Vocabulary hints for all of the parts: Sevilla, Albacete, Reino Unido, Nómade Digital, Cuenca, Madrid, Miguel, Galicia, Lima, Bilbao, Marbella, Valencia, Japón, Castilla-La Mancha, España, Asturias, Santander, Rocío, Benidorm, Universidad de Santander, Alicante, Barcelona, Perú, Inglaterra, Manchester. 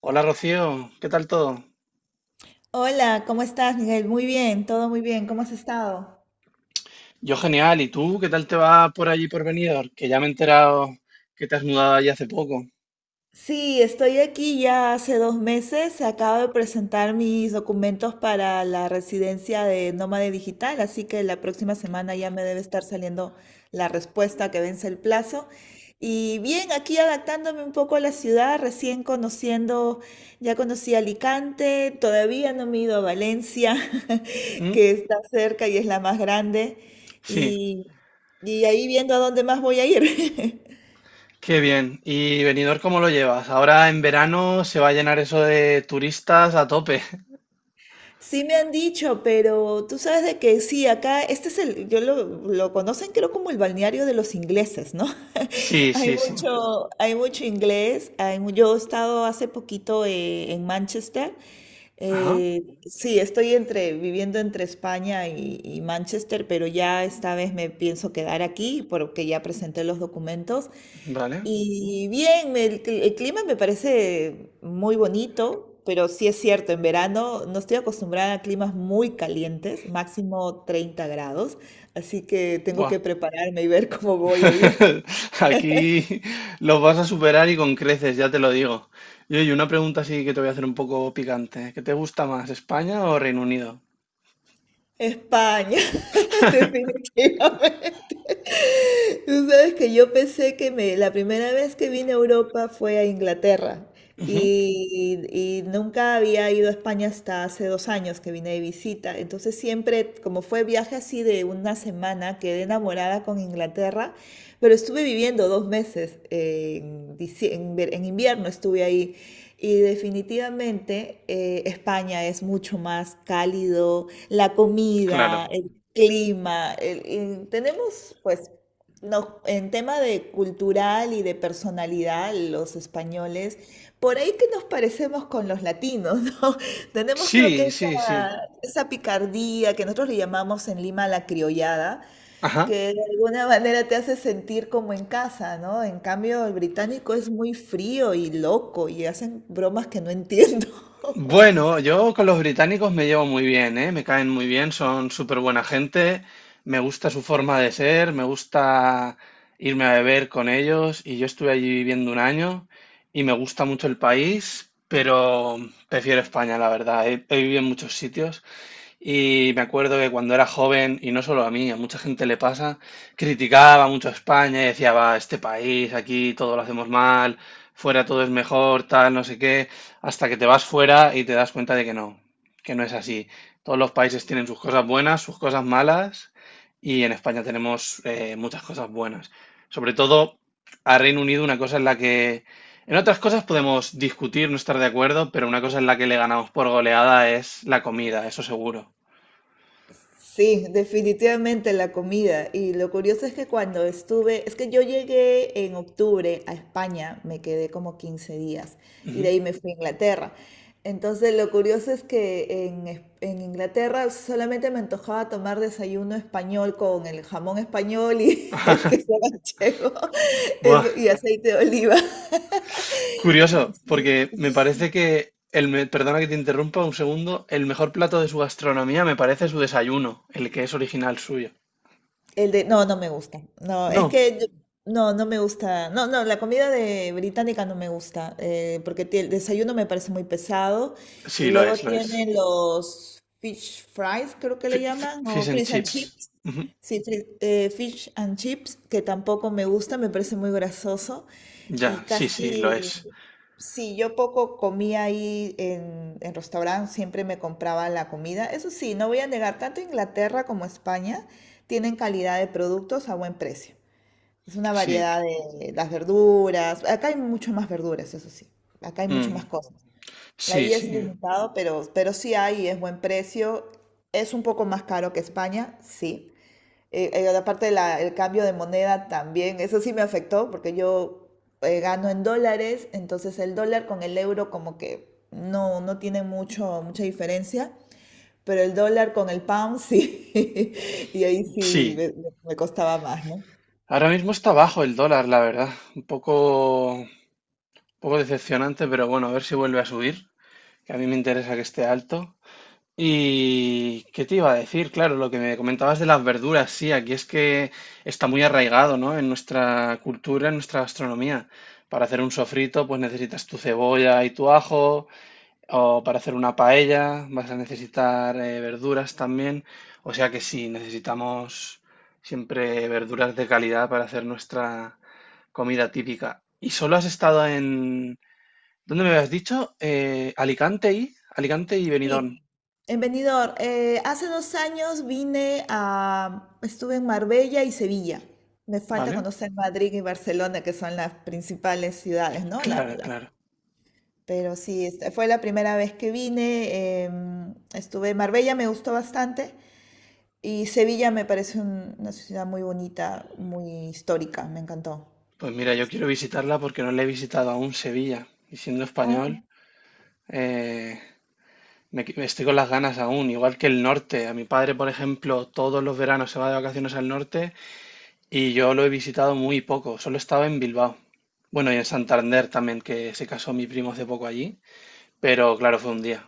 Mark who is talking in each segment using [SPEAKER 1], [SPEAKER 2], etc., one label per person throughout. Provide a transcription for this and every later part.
[SPEAKER 1] Hola Rocío, ¿qué tal todo?
[SPEAKER 2] Hola, ¿cómo estás, Miguel? Muy bien, todo muy bien. ¿Cómo has estado?
[SPEAKER 1] Yo genial, ¿y tú qué tal te va por allí por Benidorm? Que ya me he enterado que te has mudado allí hace poco.
[SPEAKER 2] Sí, estoy aquí ya hace 2 meses. Acabo de presentar mis documentos para la residencia de Nómade Digital, así que la próxima semana ya me debe estar saliendo la respuesta que vence el plazo. Y bien, aquí adaptándome un poco a la ciudad, recién conociendo, ya conocí Alicante, todavía no me he ido a Valencia,
[SPEAKER 1] ¿Mm?
[SPEAKER 2] que está cerca y es la más grande,
[SPEAKER 1] Sí,
[SPEAKER 2] y, y ahí viendo a dónde más voy a ir.
[SPEAKER 1] qué bien. ¿Y Benidorm cómo lo llevas? Ahora en verano se va a llenar eso de turistas a tope.
[SPEAKER 2] Sí me han dicho, pero tú sabes de que sí, acá, este es el, yo lo conocen creo como el balneario de los ingleses, ¿no?
[SPEAKER 1] Sí, sí, sí.
[SPEAKER 2] Hay mucho inglés, yo he estado hace poquito en Manchester,
[SPEAKER 1] Ajá,
[SPEAKER 2] sí, viviendo entre España y Manchester, pero ya esta vez me pienso quedar aquí porque ya presenté los documentos.
[SPEAKER 1] vale.
[SPEAKER 2] Y bien, el clima me parece muy bonito, pero sí es cierto, en verano no estoy acostumbrada a climas muy calientes, máximo 30 grados, así que tengo
[SPEAKER 1] Buah.
[SPEAKER 2] que prepararme y ver cómo voy a ir.
[SPEAKER 1] Aquí los vas a superar y con creces, ya te lo digo. Y oye, una pregunta así que te voy a hacer un poco picante. ¿Qué te gusta más, España o Reino Unido?
[SPEAKER 2] España, definitivamente. Tú sabes que yo pensé la primera vez que vine a Europa fue a Inglaterra.
[SPEAKER 1] Ujú.
[SPEAKER 2] Y nunca había ido a España hasta hace 2 años que vine de visita. Entonces siempre, como fue viaje así de una semana, quedé enamorada con Inglaterra, pero estuve viviendo 2 meses, en, dicie- en ver- en invierno estuve ahí. Y definitivamente España es mucho más cálido, la
[SPEAKER 1] Claro.
[SPEAKER 2] comida, el clima. Y tenemos pues no, en tema de cultural y de personalidad, los españoles, por ahí que nos parecemos con los latinos, ¿no? Tenemos creo que
[SPEAKER 1] Sí, sí, sí.
[SPEAKER 2] esa picardía que nosotros le llamamos en Lima la criollada,
[SPEAKER 1] Ajá.
[SPEAKER 2] que de alguna manera te hace sentir como en casa, ¿no? En cambio, el británico es muy frío y loco y hacen bromas que no entiendo.
[SPEAKER 1] Bueno, yo con los británicos me llevo muy bien, ¿eh? Me caen muy bien, son súper buena gente, me gusta su forma de ser, me gusta irme a beber con ellos y yo estuve allí viviendo un año y me gusta mucho el país, pero prefiero España, la verdad. He vivido en muchos sitios. Y me acuerdo que cuando era joven, y no solo a mí, a mucha gente le pasa, criticaba mucho a España y decía, va, este país, aquí todo lo hacemos mal, fuera todo es mejor, tal, no sé qué, hasta que te vas fuera y te das cuenta de que no es así. Todos los países tienen sus cosas buenas, sus cosas malas, y en España tenemos muchas cosas buenas. Sobre todo a Reino Unido, una cosa en la que... En otras cosas podemos discutir, no estar de acuerdo, pero una cosa en la que le ganamos por goleada es la comida, eso seguro.
[SPEAKER 2] Sí, definitivamente la comida. Y lo curioso es que es que yo llegué en octubre a España, me quedé como 15 días y de
[SPEAKER 1] Ujú.
[SPEAKER 2] ahí me fui a Inglaterra. Entonces lo curioso es que en Inglaterra solamente me antojaba tomar desayuno español con el jamón español y el queso manchego
[SPEAKER 1] Buah,
[SPEAKER 2] eso, y aceite de oliva. Sí,
[SPEAKER 1] curioso, porque me parece
[SPEAKER 2] sí.
[SPEAKER 1] que perdona que te interrumpa un segundo, el mejor plato de su gastronomía me parece su desayuno, el que es original suyo.
[SPEAKER 2] No, no me gusta. No, es
[SPEAKER 1] No,
[SPEAKER 2] que no, no me gusta. No, no, la comida de británica no me gusta, porque el desayuno me parece muy pesado.
[SPEAKER 1] sí,
[SPEAKER 2] Y
[SPEAKER 1] lo
[SPEAKER 2] luego
[SPEAKER 1] es, lo es.
[SPEAKER 2] tienen los fish fries, creo que le llaman,
[SPEAKER 1] Fish
[SPEAKER 2] o
[SPEAKER 1] and
[SPEAKER 2] fish and
[SPEAKER 1] chips.
[SPEAKER 2] chips.
[SPEAKER 1] Ujú.
[SPEAKER 2] Sí, fish and chips, que tampoco me gusta, me parece muy grasoso. Y
[SPEAKER 1] Ya, sí, sí, lo
[SPEAKER 2] casi,
[SPEAKER 1] es.
[SPEAKER 2] sí, yo poco comía ahí en restaurante, siempre me compraba la comida. Eso sí, no voy a negar, tanto Inglaterra como España tienen calidad de productos a buen precio. Es una
[SPEAKER 1] Sí.
[SPEAKER 2] variedad de las verduras. Acá hay mucho más verduras, eso sí. Acá hay mucho más
[SPEAKER 1] Mm.
[SPEAKER 2] cosas.
[SPEAKER 1] Sí,
[SPEAKER 2] Ahí es
[SPEAKER 1] sí.
[SPEAKER 2] limitado, pero sí hay, es buen precio. Es un poco más caro que España, sí. Aparte del cambio de moneda también, eso sí me afectó porque yo gano en dólares, entonces el dólar con el euro como que no, no tiene mucha diferencia, pero el dólar con el pound sí, y ahí sí
[SPEAKER 1] Sí.
[SPEAKER 2] me costaba más, ¿no?
[SPEAKER 1] Ahora mismo está bajo el dólar, la verdad. Un poco decepcionante, pero bueno, a ver si vuelve a subir, que a mí me interesa que esté alto. ¿Y qué te iba a decir? Claro, lo que me comentabas de las verduras, sí, aquí es que está muy arraigado, ¿no? En nuestra cultura, en nuestra gastronomía. Para hacer un sofrito, pues necesitas tu cebolla y tu ajo, o para hacer una paella vas a necesitar verduras también. O sea que sí, necesitamos siempre verduras de calidad para hacer nuestra comida típica. ¿Y solo has estado en... ¿Dónde me habías dicho? Alicante y... Alicante y
[SPEAKER 2] Sí,
[SPEAKER 1] Benidorm,
[SPEAKER 2] en Benidorm, hace 2 años estuve en Marbella y Sevilla. Me falta
[SPEAKER 1] ¿vale?
[SPEAKER 2] conocer Madrid y Barcelona, que son las principales ciudades, ¿no? La-
[SPEAKER 1] Claro,
[SPEAKER 2] Las
[SPEAKER 1] claro.
[SPEAKER 2] Pero sí, fue la primera vez que vine. Estuve en Marbella, me gustó bastante. Y Sevilla me parece una ciudad muy bonita, muy histórica, me encantó.
[SPEAKER 1] Pues mira, yo quiero visitarla porque no la he visitado aún Sevilla. Y siendo
[SPEAKER 2] Ah,
[SPEAKER 1] español, eh, estoy con las ganas aún, igual que el norte. A mi padre, por ejemplo, todos los veranos se va de vacaciones al norte y yo lo he visitado muy poco. Solo estaba en Bilbao. Bueno, y en Santander también, que se casó mi primo hace poco allí. Pero claro, fue un día.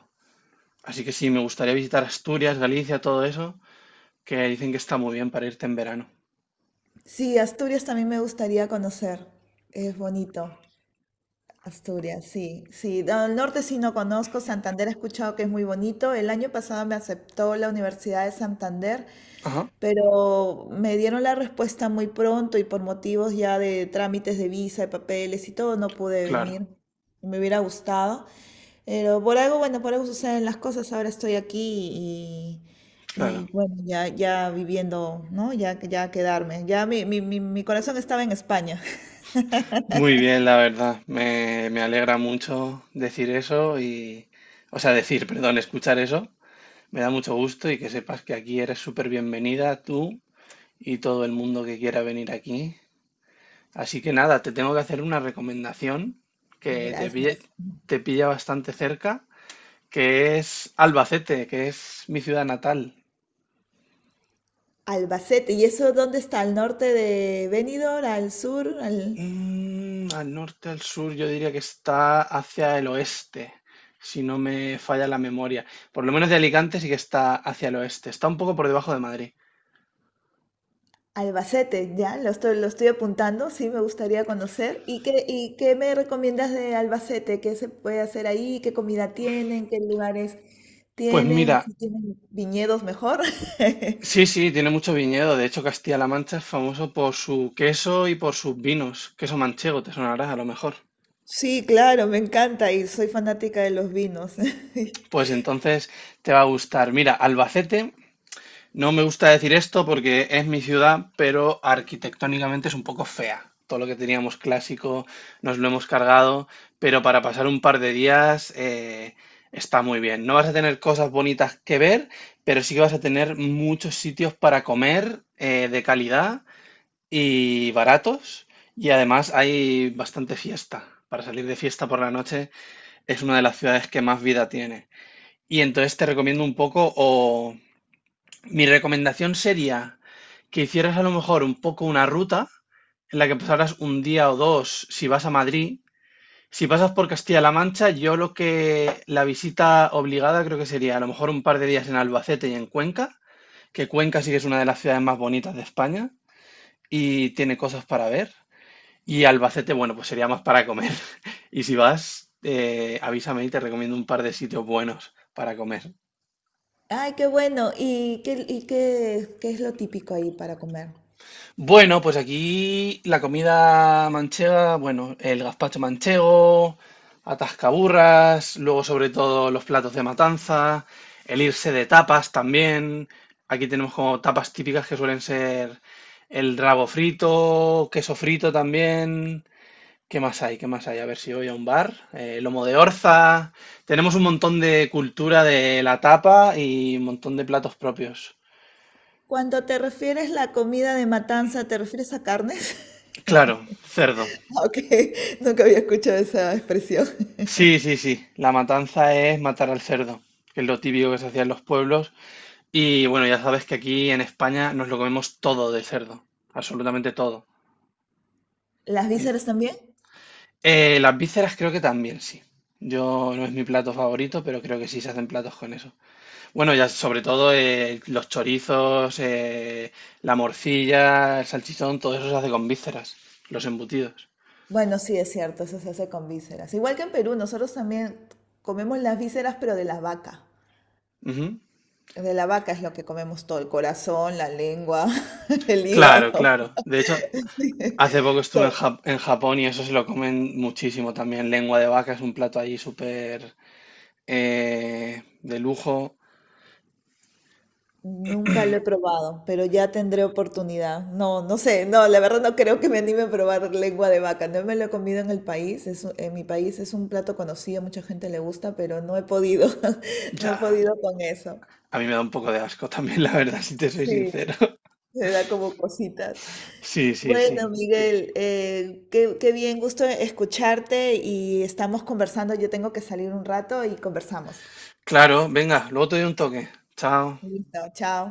[SPEAKER 1] Así que sí, me gustaría visitar Asturias, Galicia, todo eso, que dicen que está muy bien para irte en verano.
[SPEAKER 2] sí, Asturias también me gustaría conocer. Es bonito. Asturias, sí, sí. No, al norte sí no conozco. Santander he escuchado que es muy bonito. El año pasado me aceptó la Universidad de Santander.
[SPEAKER 1] Ajá,
[SPEAKER 2] Pero me dieron la respuesta muy pronto y por motivos ya de trámites de visa, de papeles y todo, no pude
[SPEAKER 1] claro,
[SPEAKER 2] venir. Me hubiera gustado. Pero por algo, bueno, por algo suceden las cosas. Ahora estoy aquí y,
[SPEAKER 1] claro.
[SPEAKER 2] y bueno, ya viviendo, ¿no? Ya quedarme. Ya mi corazón estaba en España.
[SPEAKER 1] Muy bien, la verdad. Me alegra mucho decir eso y, o sea, decir, perdón, escuchar eso. Me da mucho gusto y que sepas que aquí eres súper bienvenida tú y todo el mundo que quiera venir aquí. Así que nada, te tengo que hacer una recomendación que te pille-
[SPEAKER 2] Gracias.
[SPEAKER 1] te pilla bastante cerca, que es Albacete, que es mi ciudad natal.
[SPEAKER 2] Albacete. ¿Y eso dónde está? ¿Al norte de Benidorm? ¿Al sur? ¿Al?
[SPEAKER 1] Mm, al norte, al sur, yo diría que está hacia el oeste, si no me falla la memoria. Por lo menos de Alicante sí que está hacia el oeste. Está un poco por debajo de Madrid.
[SPEAKER 2] Albacete, ya, lo estoy apuntando, sí me gustaría conocer. ¿Y qué me recomiendas de Albacete? ¿Qué se puede hacer ahí? ¿Qué comida tienen? ¿Qué lugares
[SPEAKER 1] Pues
[SPEAKER 2] tienen?
[SPEAKER 1] mira,
[SPEAKER 2] Si tienen viñedos mejor.
[SPEAKER 1] sí, sí, tiene mucho viñedo. De hecho, Castilla-La Mancha es famoso por su queso y por sus vinos. Queso manchego, te sonará a lo mejor.
[SPEAKER 2] Sí, claro, me encanta y soy fanática de los vinos.
[SPEAKER 1] Pues entonces te va a gustar. Mira, Albacete. No me gusta decir esto porque es mi ciudad, pero arquitectónicamente es un poco fea. Todo lo que teníamos clásico nos lo hemos cargado, pero para pasar un par de días está muy bien. No vas a tener cosas bonitas que ver, pero sí que vas a tener muchos sitios para comer de calidad y baratos. Y además hay bastante fiesta. Para salir de fiesta por la noche es una de las ciudades que más vida tiene. Y entonces te recomiendo un poco o mi recomendación sería que hicieras a lo mejor un poco una ruta en la que pasaras un día o dos si vas a Madrid. Si pasas por Castilla-La Mancha, yo lo que la visita obligada creo que sería a lo mejor un par de días en Albacete y en Cuenca, que Cuenca sí que es una de las ciudades más bonitas de España y tiene cosas para ver. Y Albacete, bueno, pues sería más para comer. Y si vas, avísame y te recomiendo un par de sitios buenos para comer.
[SPEAKER 2] Ay, qué bueno. ¿Y qué es lo típico ahí para comer?
[SPEAKER 1] Bueno, pues aquí la comida manchega, bueno, el gazpacho manchego, atascaburras, luego sobre todo los platos de matanza, el irse de tapas también. Aquí tenemos como tapas típicas que suelen ser el rabo frito, queso frito también. ¿Qué más hay? ¿Qué más hay? A ver si voy a un bar. Lomo de orza. Tenemos un montón de cultura de la tapa y un montón de platos propios.
[SPEAKER 2] Cuando te refieres la comida de matanza, ¿te refieres a carnes?
[SPEAKER 1] Claro, cerdo.
[SPEAKER 2] Ok, nunca había escuchado esa expresión.
[SPEAKER 1] Sí, sí, sí. La matanza es matar al cerdo, que es lo típico que se hacía en los pueblos. Y bueno, ya sabes que aquí en España nos lo comemos todo de cerdo, absolutamente todo.
[SPEAKER 2] ¿Las vísceras también?
[SPEAKER 1] Las vísceras creo que también sí. Yo no es mi plato favorito, pero creo que sí se hacen platos con eso. Bueno, ya sobre todo los chorizos, la morcilla, el salchichón, todo eso se hace con vísceras, los embutidos.
[SPEAKER 2] Bueno, sí, es cierto, eso se hace con vísceras. Igual que en Perú, nosotros también comemos las vísceras, pero de la vaca.
[SPEAKER 1] Ujú.
[SPEAKER 2] De la vaca es lo que comemos todo, el corazón, la lengua, el
[SPEAKER 1] Claro,
[SPEAKER 2] hígado,
[SPEAKER 1] claro. De hecho,
[SPEAKER 2] sí,
[SPEAKER 1] hace poco estuve en,
[SPEAKER 2] todo.
[SPEAKER 1] En Japón y eso se lo comen muchísimo también. Lengua de vaca es un plato allí súper de lujo.
[SPEAKER 2] Nunca lo he probado, pero ya tendré oportunidad. No, no sé, no, la verdad no creo que me anime a probar lengua de vaca. No me lo he comido en el país, en mi país es un plato conocido, mucha gente le gusta, pero no he podido, no he
[SPEAKER 1] Ya,
[SPEAKER 2] podido con eso.
[SPEAKER 1] a mí me da un poco de asco también, la verdad, si te soy
[SPEAKER 2] Sí,
[SPEAKER 1] sincero.
[SPEAKER 2] se da como cositas.
[SPEAKER 1] Sí, sí,
[SPEAKER 2] Bueno,
[SPEAKER 1] sí.
[SPEAKER 2] Miguel, qué bien, gusto escucharte y estamos conversando. Yo tengo que salir un rato y conversamos.
[SPEAKER 1] Claro, venga, luego te doy un toque. Chao.
[SPEAKER 2] Listo, chao.